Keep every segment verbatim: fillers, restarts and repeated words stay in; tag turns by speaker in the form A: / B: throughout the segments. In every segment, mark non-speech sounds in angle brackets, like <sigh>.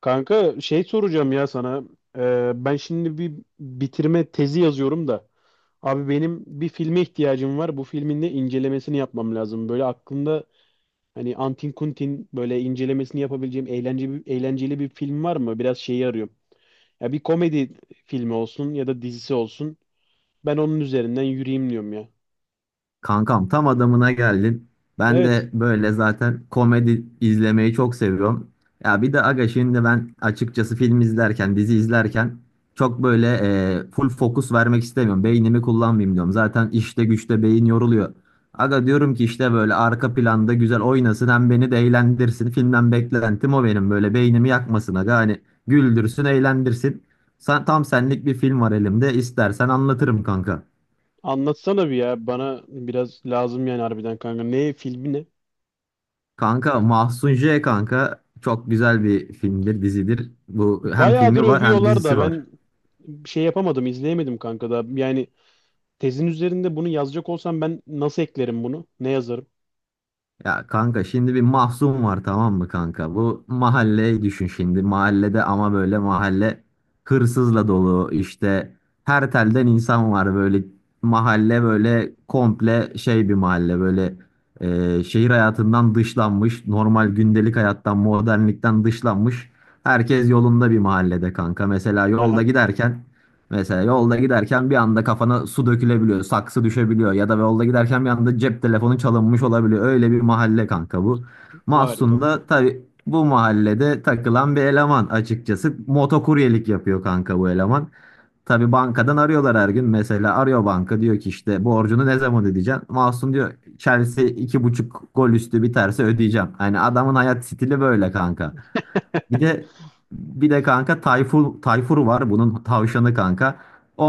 A: Kanka şey soracağım ya sana. Ee, ben şimdi bir bitirme tezi yazıyorum da. Abi benim bir filme ihtiyacım var. Bu filmin de incelemesini yapmam lazım. Böyle aklımda hani Antin Kuntin böyle incelemesini yapabileceğim eğlenceli, eğlenceli bir film var mı? Biraz şeyi arıyorum. Ya bir komedi filmi olsun ya da dizisi olsun. Ben onun üzerinden yürüyeyim diyorum ya.
B: Kankam tam adamına geldin. Ben
A: Evet,
B: de böyle zaten komedi izlemeyi çok seviyorum. Ya bir de aga şimdi ben açıkçası film izlerken, dizi izlerken çok böyle e, full fokus vermek istemiyorum. Beynimi kullanmayayım diyorum. Zaten işte güçte beyin yoruluyor. Aga diyorum ki işte böyle arka planda güzel oynasın hem beni de eğlendirsin. Filmden beklentim o benim böyle beynimi yakmasın aga. Hani güldürsün, eğlendirsin. Sen, tam senlik bir film var elimde. İstersen anlatırım kanka.
A: anlatsana bir ya. Bana biraz lazım yani harbiden kanka. Ne filmi ne?
B: Kanka Mahsun J kanka çok güzel bir filmdir, dizidir. Bu hem
A: Bayağıdır
B: filmi var hem
A: övüyorlar da
B: dizisi var.
A: ben bir şey yapamadım, izleyemedim kanka da. Yani tezin üzerinde bunu yazacak olsam ben nasıl eklerim bunu? Ne yazarım?
B: Ya kanka şimdi bir Mahsun var tamam mı kanka? Bu mahalleyi düşün şimdi. Mahallede ama böyle mahalle hırsızla dolu işte her telden insan var böyle mahalle böyle komple şey bir mahalle böyle, e, şehir hayatından dışlanmış normal gündelik hayattan modernlikten dışlanmış herkes yolunda bir mahallede kanka mesela yolda
A: Aha,
B: giderken. Mesela yolda giderken bir anda kafana su dökülebiliyor, saksı düşebiliyor ya da yolda giderken bir anda cep telefonu çalınmış olabiliyor. Öyle bir mahalle kanka bu. Mahsun
A: harika.
B: da tabii bu mahallede takılan bir eleman açıkçası. Motokuryelik yapıyor kanka bu eleman. Tabii bankadan arıyorlar her gün. Mesela arıyor banka diyor ki işte borcunu ne zaman ödeyeceksin? Mahsun diyor Chelsea iki buçuk gol üstü biterse ödeyeceğim. Hani adamın hayat stili böyle kanka. Bir de bir de kanka Tayfur, Tayfur var bunun tavşanı kanka.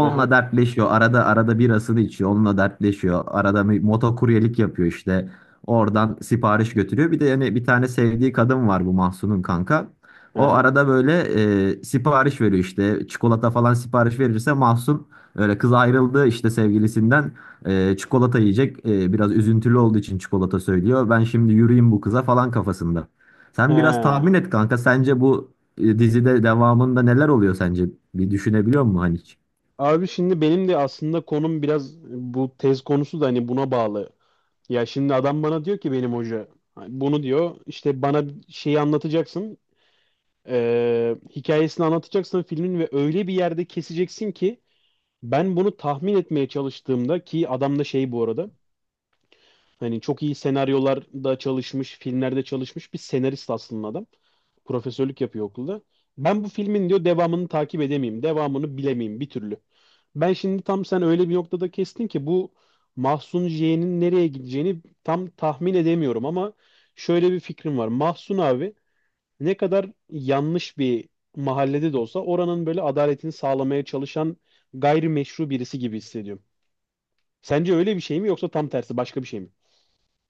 A: Aha,
B: dertleşiyor. Arada arada birasını içiyor. Onunla dertleşiyor. Arada bir motokuryelik yapıyor işte. Oradan sipariş götürüyor. Bir de yani bir tane sevdiği kadın var bu Mahsun'un kanka. O
A: aha.
B: arada böyle e, sipariş veriyor işte. Çikolata falan sipariş verirse Mahsun öyle kız ayrıldı işte sevgilisinden. E, çikolata yiyecek. E, biraz üzüntülü olduğu için çikolata söylüyor. Ben şimdi yürüyeyim bu kıza falan kafasında. Sen biraz tahmin
A: Ha.
B: et kanka. Sence bu e, dizide devamında neler oluyor sence? Bir düşünebiliyor musun hani hiç?
A: Abi şimdi benim de aslında konum biraz bu tez konusu da hani buna bağlı. Ya şimdi adam bana diyor ki benim hoca hani bunu diyor işte bana şeyi anlatacaksın eee, hikayesini anlatacaksın filmin ve öyle bir yerde keseceksin ki ben bunu tahmin etmeye çalıştığımda ki adam da şey bu arada hani çok iyi senaryolarda çalışmış, filmlerde çalışmış bir senarist aslında adam. Profesörlük yapıyor okulda. Ben bu filmin diyor devamını takip edemeyeyim, devamını bilemeyeyim bir türlü. Ben şimdi tam sen öyle bir noktada kestin ki bu Mahsun J'nin nereye gideceğini tam tahmin edemiyorum ama şöyle bir fikrim var. Mahsun abi ne kadar yanlış bir mahallede de olsa oranın böyle adaletini sağlamaya çalışan gayrimeşru birisi gibi hissediyorum. Sence öyle bir şey mi yoksa tam tersi başka bir şey mi?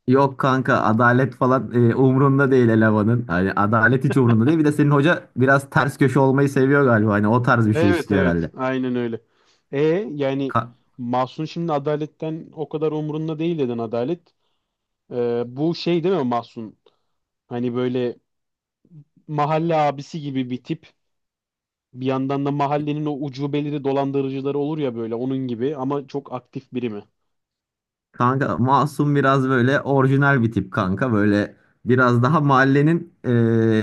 B: Yok kanka adalet falan e, umrunda değil elemanın. Hani adalet hiç umrunda değil. Bir de senin hoca biraz ters köşe olmayı seviyor galiba. Hani o tarz bir şey
A: Evet
B: istiyor
A: evet,
B: herhalde.
A: aynen öyle. E yani
B: Ka-
A: Mahsun şimdi adaletten o kadar umurunda değil dedin adalet. Ee, bu şey değil mi Mahsun? Hani böyle mahalle abisi gibi bir tip. Bir yandan da mahallenin o ucubeleri dolandırıcıları olur ya böyle onun gibi ama çok aktif biri mi?
B: Kanka Masum biraz böyle orijinal bir tip kanka. Böyle biraz daha mahallenin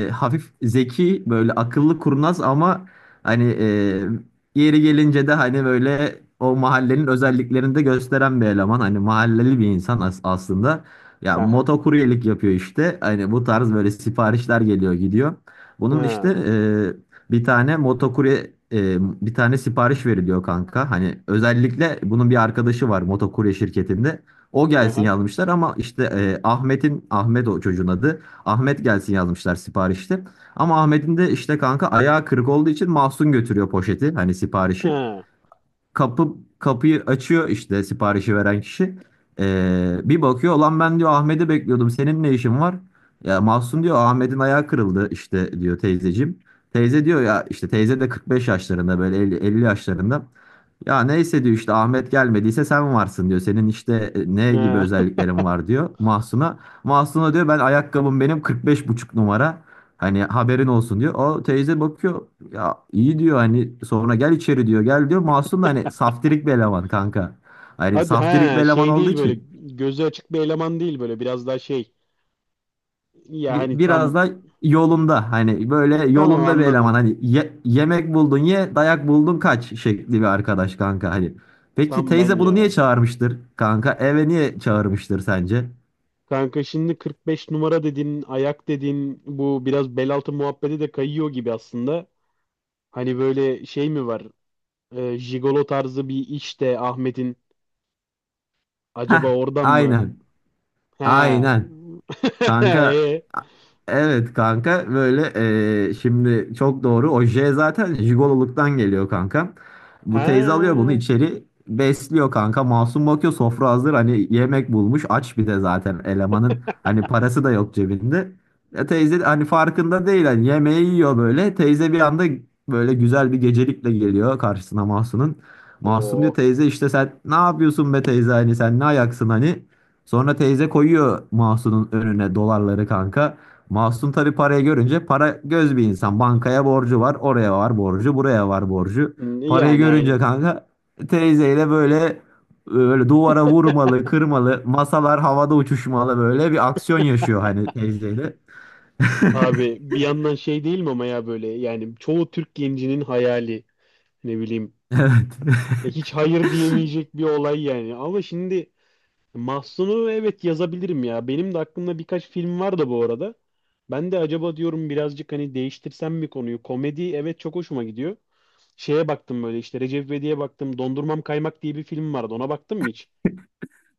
B: e, hafif zeki böyle akıllı kurnaz ama hani e, yeri gelince de hani böyle o mahallenin özelliklerini de gösteren bir eleman. Hani mahalleli bir insan as- aslında. Ya
A: Aha.
B: motokuryelik yapıyor işte. Hani bu tarz böyle siparişler geliyor gidiyor. Bunun işte
A: Ha.
B: e, bir tane motokurye e, bir tane sipariş veriliyor kanka. Hani özellikle bunun bir arkadaşı var motokurye şirketinde. O gelsin
A: Aha.
B: yazmışlar ama işte e, Ahmet'in Ahmet o çocuğun adı. Ahmet gelsin yazmışlar siparişte. Ama Ahmet'in de işte kanka ayağı kırık olduğu için Mahsun götürüyor poşeti hani siparişi.
A: Ha.
B: Kapı kapıyı açıyor işte siparişi veren kişi. E, bir bakıyor lan ben diyor Ahmet'i bekliyordum. Senin ne işin var? Ya Mahsun diyor Ahmet'in ayağı kırıldı işte diyor teyzeciğim. Teyze diyor ya işte teyze de kırk beş yaşlarında böyle elli elli yaşlarında. Ya neyse diyor işte Ahmet gelmediyse sen varsın diyor. Senin işte e, ne gibi
A: Ha.
B: özelliklerin var diyor Mahsun'a. Mahsun'a diyor ben ayakkabım benim kırk beş buçuk numara. Hani haberin olsun diyor. O teyze bakıyor ya iyi diyor hani sonra gel içeri diyor gel diyor. Mahsun da hani saftirik bir eleman kanka.
A: <laughs>
B: Hani
A: Hadi
B: saftirik bir
A: ha
B: eleman
A: şey
B: olduğu
A: değil böyle
B: için
A: gözü açık bir eleman değil böyle biraz daha şey. Ya
B: bi-
A: hani
B: biraz
A: tam
B: da yolunda hani böyle
A: tamam
B: yolunda bir
A: anladım.
B: eleman hani ye- yemek buldun ye dayak buldun kaç şekli bir arkadaş kanka hani. Peki
A: Tam ben
B: teyze bunu niye
A: ya.
B: çağırmıştır kanka? Eve niye çağırmıştır sence?
A: Kanka şimdi kırk beş numara dediğin, ayak dediğin bu biraz bel altı muhabbeti de kayıyor gibi aslında. Hani böyle şey mi var? Ee, jigolo tarzı bir iş de Ahmet'in
B: Heh,
A: acaba oradan mı?
B: aynen,
A: He.
B: aynen.
A: <laughs>
B: Kanka
A: e,
B: evet kanka böyle, eee, şimdi çok doğru o oje zaten jigololuktan geliyor kanka. Bu teyze alıyor
A: he.
B: bunu içeri besliyor kanka masum bakıyor sofra hazır hani yemek bulmuş aç bir de zaten elemanın hani parası da yok cebinde. E, teyze hani farkında değil hani yemeği yiyor böyle teyze bir anda böyle güzel bir gecelikle geliyor karşısına Mahsun'un. Mahsun diyor
A: Oo.
B: teyze işte sen ne yapıyorsun be teyze hani sen ne ayaksın hani. Sonra teyze koyuyor Mahsun'un önüne dolarları kanka. Mahsun tabii parayı görünce para göz bir insan. Bankaya borcu var, oraya var borcu, buraya var borcu. Parayı
A: Yani
B: görünce
A: aynen.
B: kanka teyzeyle böyle böyle duvara vurmalı, kırmalı, masalar havada uçuşmalı böyle bir aksiyon yaşıyor hani teyzeyle. <laughs>
A: Abi bir yandan şey değil mi ama ya böyle yani çoğu Türk gencinin hayali ne bileyim.
B: Evet.
A: E, hiç hayır diyemeyecek bir olay yani. Ama şimdi Mahsun'u evet yazabilirim ya. Benim de aklımda birkaç film var da bu arada. Ben de acaba diyorum birazcık hani değiştirsem mi konuyu? Komedi evet çok hoşuma gidiyor. Şeye baktım böyle işte Recep İvedik'e baktım. Dondurmam Kaymak diye bir film vardı. Ona baktın mı hiç?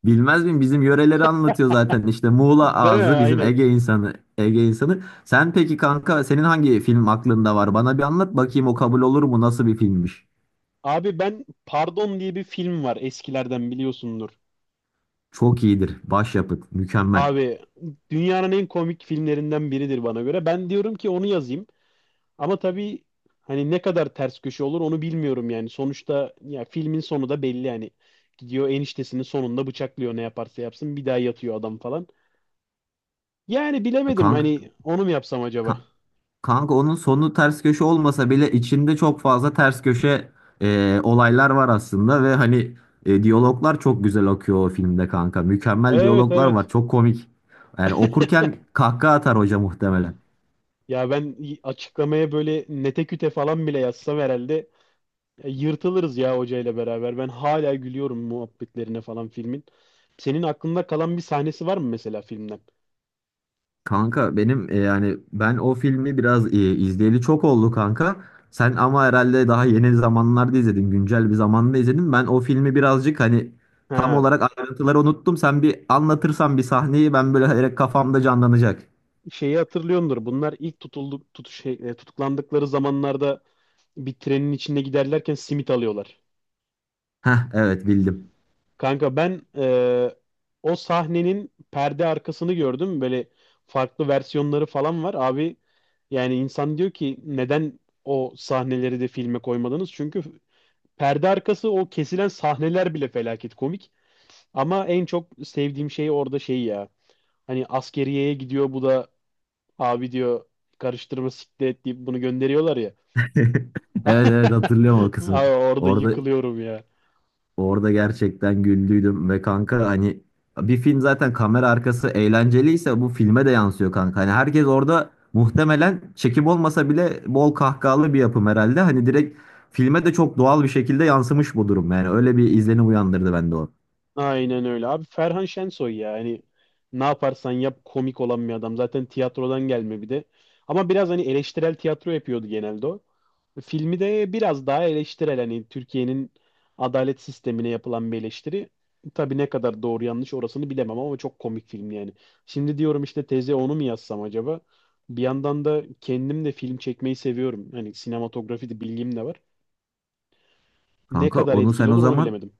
B: Bilmez miyim? Bizim yöreleri anlatıyor zaten işte Muğla
A: Değil mi?
B: ağzı bizim
A: Aynen.
B: Ege insanı, Ege insanı. Sen peki kanka senin hangi film aklında var? Bana bir anlat bakayım o kabul olur mu? Nasıl bir filmmiş?
A: Abi ben Pardon diye bir film var eskilerden biliyorsundur.
B: Çok iyidir. Başyapıt. Mükemmel.
A: Abi dünyanın en komik filmlerinden biridir bana göre. Ben diyorum ki onu yazayım. Ama tabii hani ne kadar ters köşe olur onu bilmiyorum yani. Sonuçta ya filmin sonu da belli yani. Gidiyor eniştesinin sonunda bıçaklıyor ne yaparsa yapsın bir daha yatıyor adam falan. Yani bilemedim
B: Kanka,
A: hani onu mu yapsam acaba?
B: kanka onun sonu ters köşe olmasa bile içinde çok fazla ters köşe e, olaylar var aslında ve hani e, diyaloglar çok güzel akıyor o filmde kanka. Mükemmel
A: Evet,
B: diyaloglar var.
A: evet.
B: Çok komik. Yani okurken kahkaha atar hoca muhtemelen.
A: Ya ben y- açıklamaya böyle nete küte falan bile yazsam herhalde e, yırtılırız ya hocayla beraber. Ben hala gülüyorum muhabbetlerine falan filmin. Senin aklında kalan bir sahnesi var mı mesela filmden?
B: Kanka benim e, yani ben o filmi biraz e, izleyeli çok oldu kanka. Sen ama herhalde daha yeni zamanlarda izledin, güncel bir zamanda izledin. Ben o filmi birazcık hani tam
A: Ha.
B: olarak ayrıntıları unuttum. Sen bir anlatırsan bir sahneyi ben böyle direkt kafamda canlanacak.
A: Şeyi hatırlıyordur. Bunlar ilk tutulduk, tut, şey, e, tutuklandıkları zamanlarda bir trenin içinde giderlerken simit alıyorlar.
B: Heh, evet, bildim.
A: Kanka ben e, o sahnenin perde arkasını gördüm. Böyle farklı versiyonları falan var. Abi yani insan diyor ki neden o sahneleri de filme koymadınız? Çünkü perde arkası o kesilen sahneler bile felaket komik. Ama en çok sevdiğim şey orada şey ya. Hani askeriyeye gidiyor bu da abi diyor karıştırma siklet deyip bunu gönderiyorlar ya.
B: <laughs> Evet, evet,
A: <laughs>
B: hatırlıyorum o kısmı.
A: Abi orada
B: Orada
A: yıkılıyorum ya.
B: Orada gerçekten güldüydüm ve kanka hani bir film zaten kamera arkası eğlenceliyse bu filme de yansıyor kanka. Hani herkes orada muhtemelen çekim olmasa bile bol kahkahalı bir yapım herhalde. Hani direkt filme de çok doğal bir şekilde yansımış bu durum. Yani öyle bir izlenim uyandırdı bende o.
A: Aynen öyle. Abi Ferhan Şensoy ya. Hani ne yaparsan yap komik olan bir adam. Zaten tiyatrodan gelme bir de. Ama biraz hani eleştirel tiyatro yapıyordu genelde o. Filmi de biraz daha eleştirel. Hani Türkiye'nin adalet sistemine yapılan bir eleştiri. Tabii ne kadar doğru yanlış orasını bilemem ama çok komik film yani. Şimdi diyorum işte teze onu mu yazsam acaba? Bir yandan da kendim de film çekmeyi seviyorum. Hani sinematografi de bilgim de var. Ne
B: Kanka
A: kadar
B: onu
A: etkili
B: sen o
A: olur onu
B: zaman.
A: bilemedim.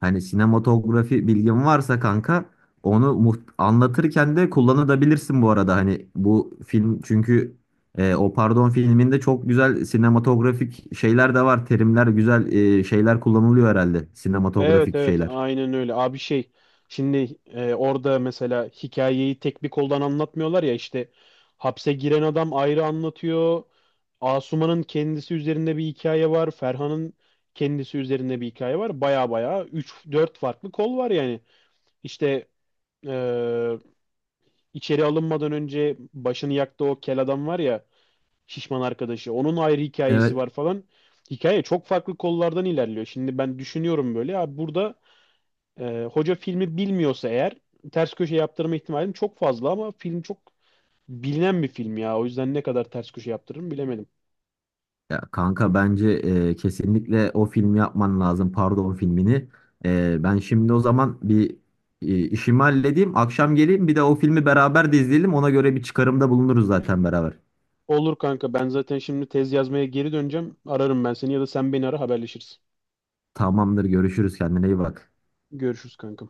B: Hani sinematografi bilgin varsa kanka onu muht- anlatırken de kullanabilirsin bu arada. Hani bu film çünkü e, o pardon filminde çok güzel sinematografik şeyler de var. Terimler güzel e, şeyler kullanılıyor herhalde.
A: Evet
B: Sinematografik
A: evet,
B: şeyler.
A: aynen öyle. Abi şey şimdi e, orada mesela hikayeyi tek bir koldan anlatmıyorlar ya işte hapse giren adam ayrı anlatıyor. Asuman'ın kendisi üzerinde bir hikaye var. Ferhan'ın kendisi üzerinde bir hikaye var. Baya baya üç dört farklı kol var yani. İşte e, İçeri alınmadan önce başını yaktı o kel adam var ya şişman arkadaşı. Onun ayrı hikayesi
B: Evet.
A: var falan. Hikaye çok farklı kollardan ilerliyor. Şimdi ben düşünüyorum böyle. Abi burada e, hoca filmi bilmiyorsa eğer ters köşe yaptırma ihtimalim çok fazla ama film çok bilinen bir film ya. O yüzden ne kadar ters köşe yaptırırım bilemedim.
B: Ya kanka bence e, kesinlikle o filmi yapman lazım. Pardon filmini. E, ben şimdi o zaman bir e, işimi halledeyim. Akşam geleyim bir de o filmi beraber de izleyelim. Ona göre bir çıkarımda bulunuruz zaten beraber.
A: Olur kanka, ben zaten şimdi tez yazmaya geri döneceğim. Ararım ben seni ya da sen beni ara haberleşiriz.
B: Tamamdır, görüşürüz, kendine iyi bak.
A: Görüşürüz kanka.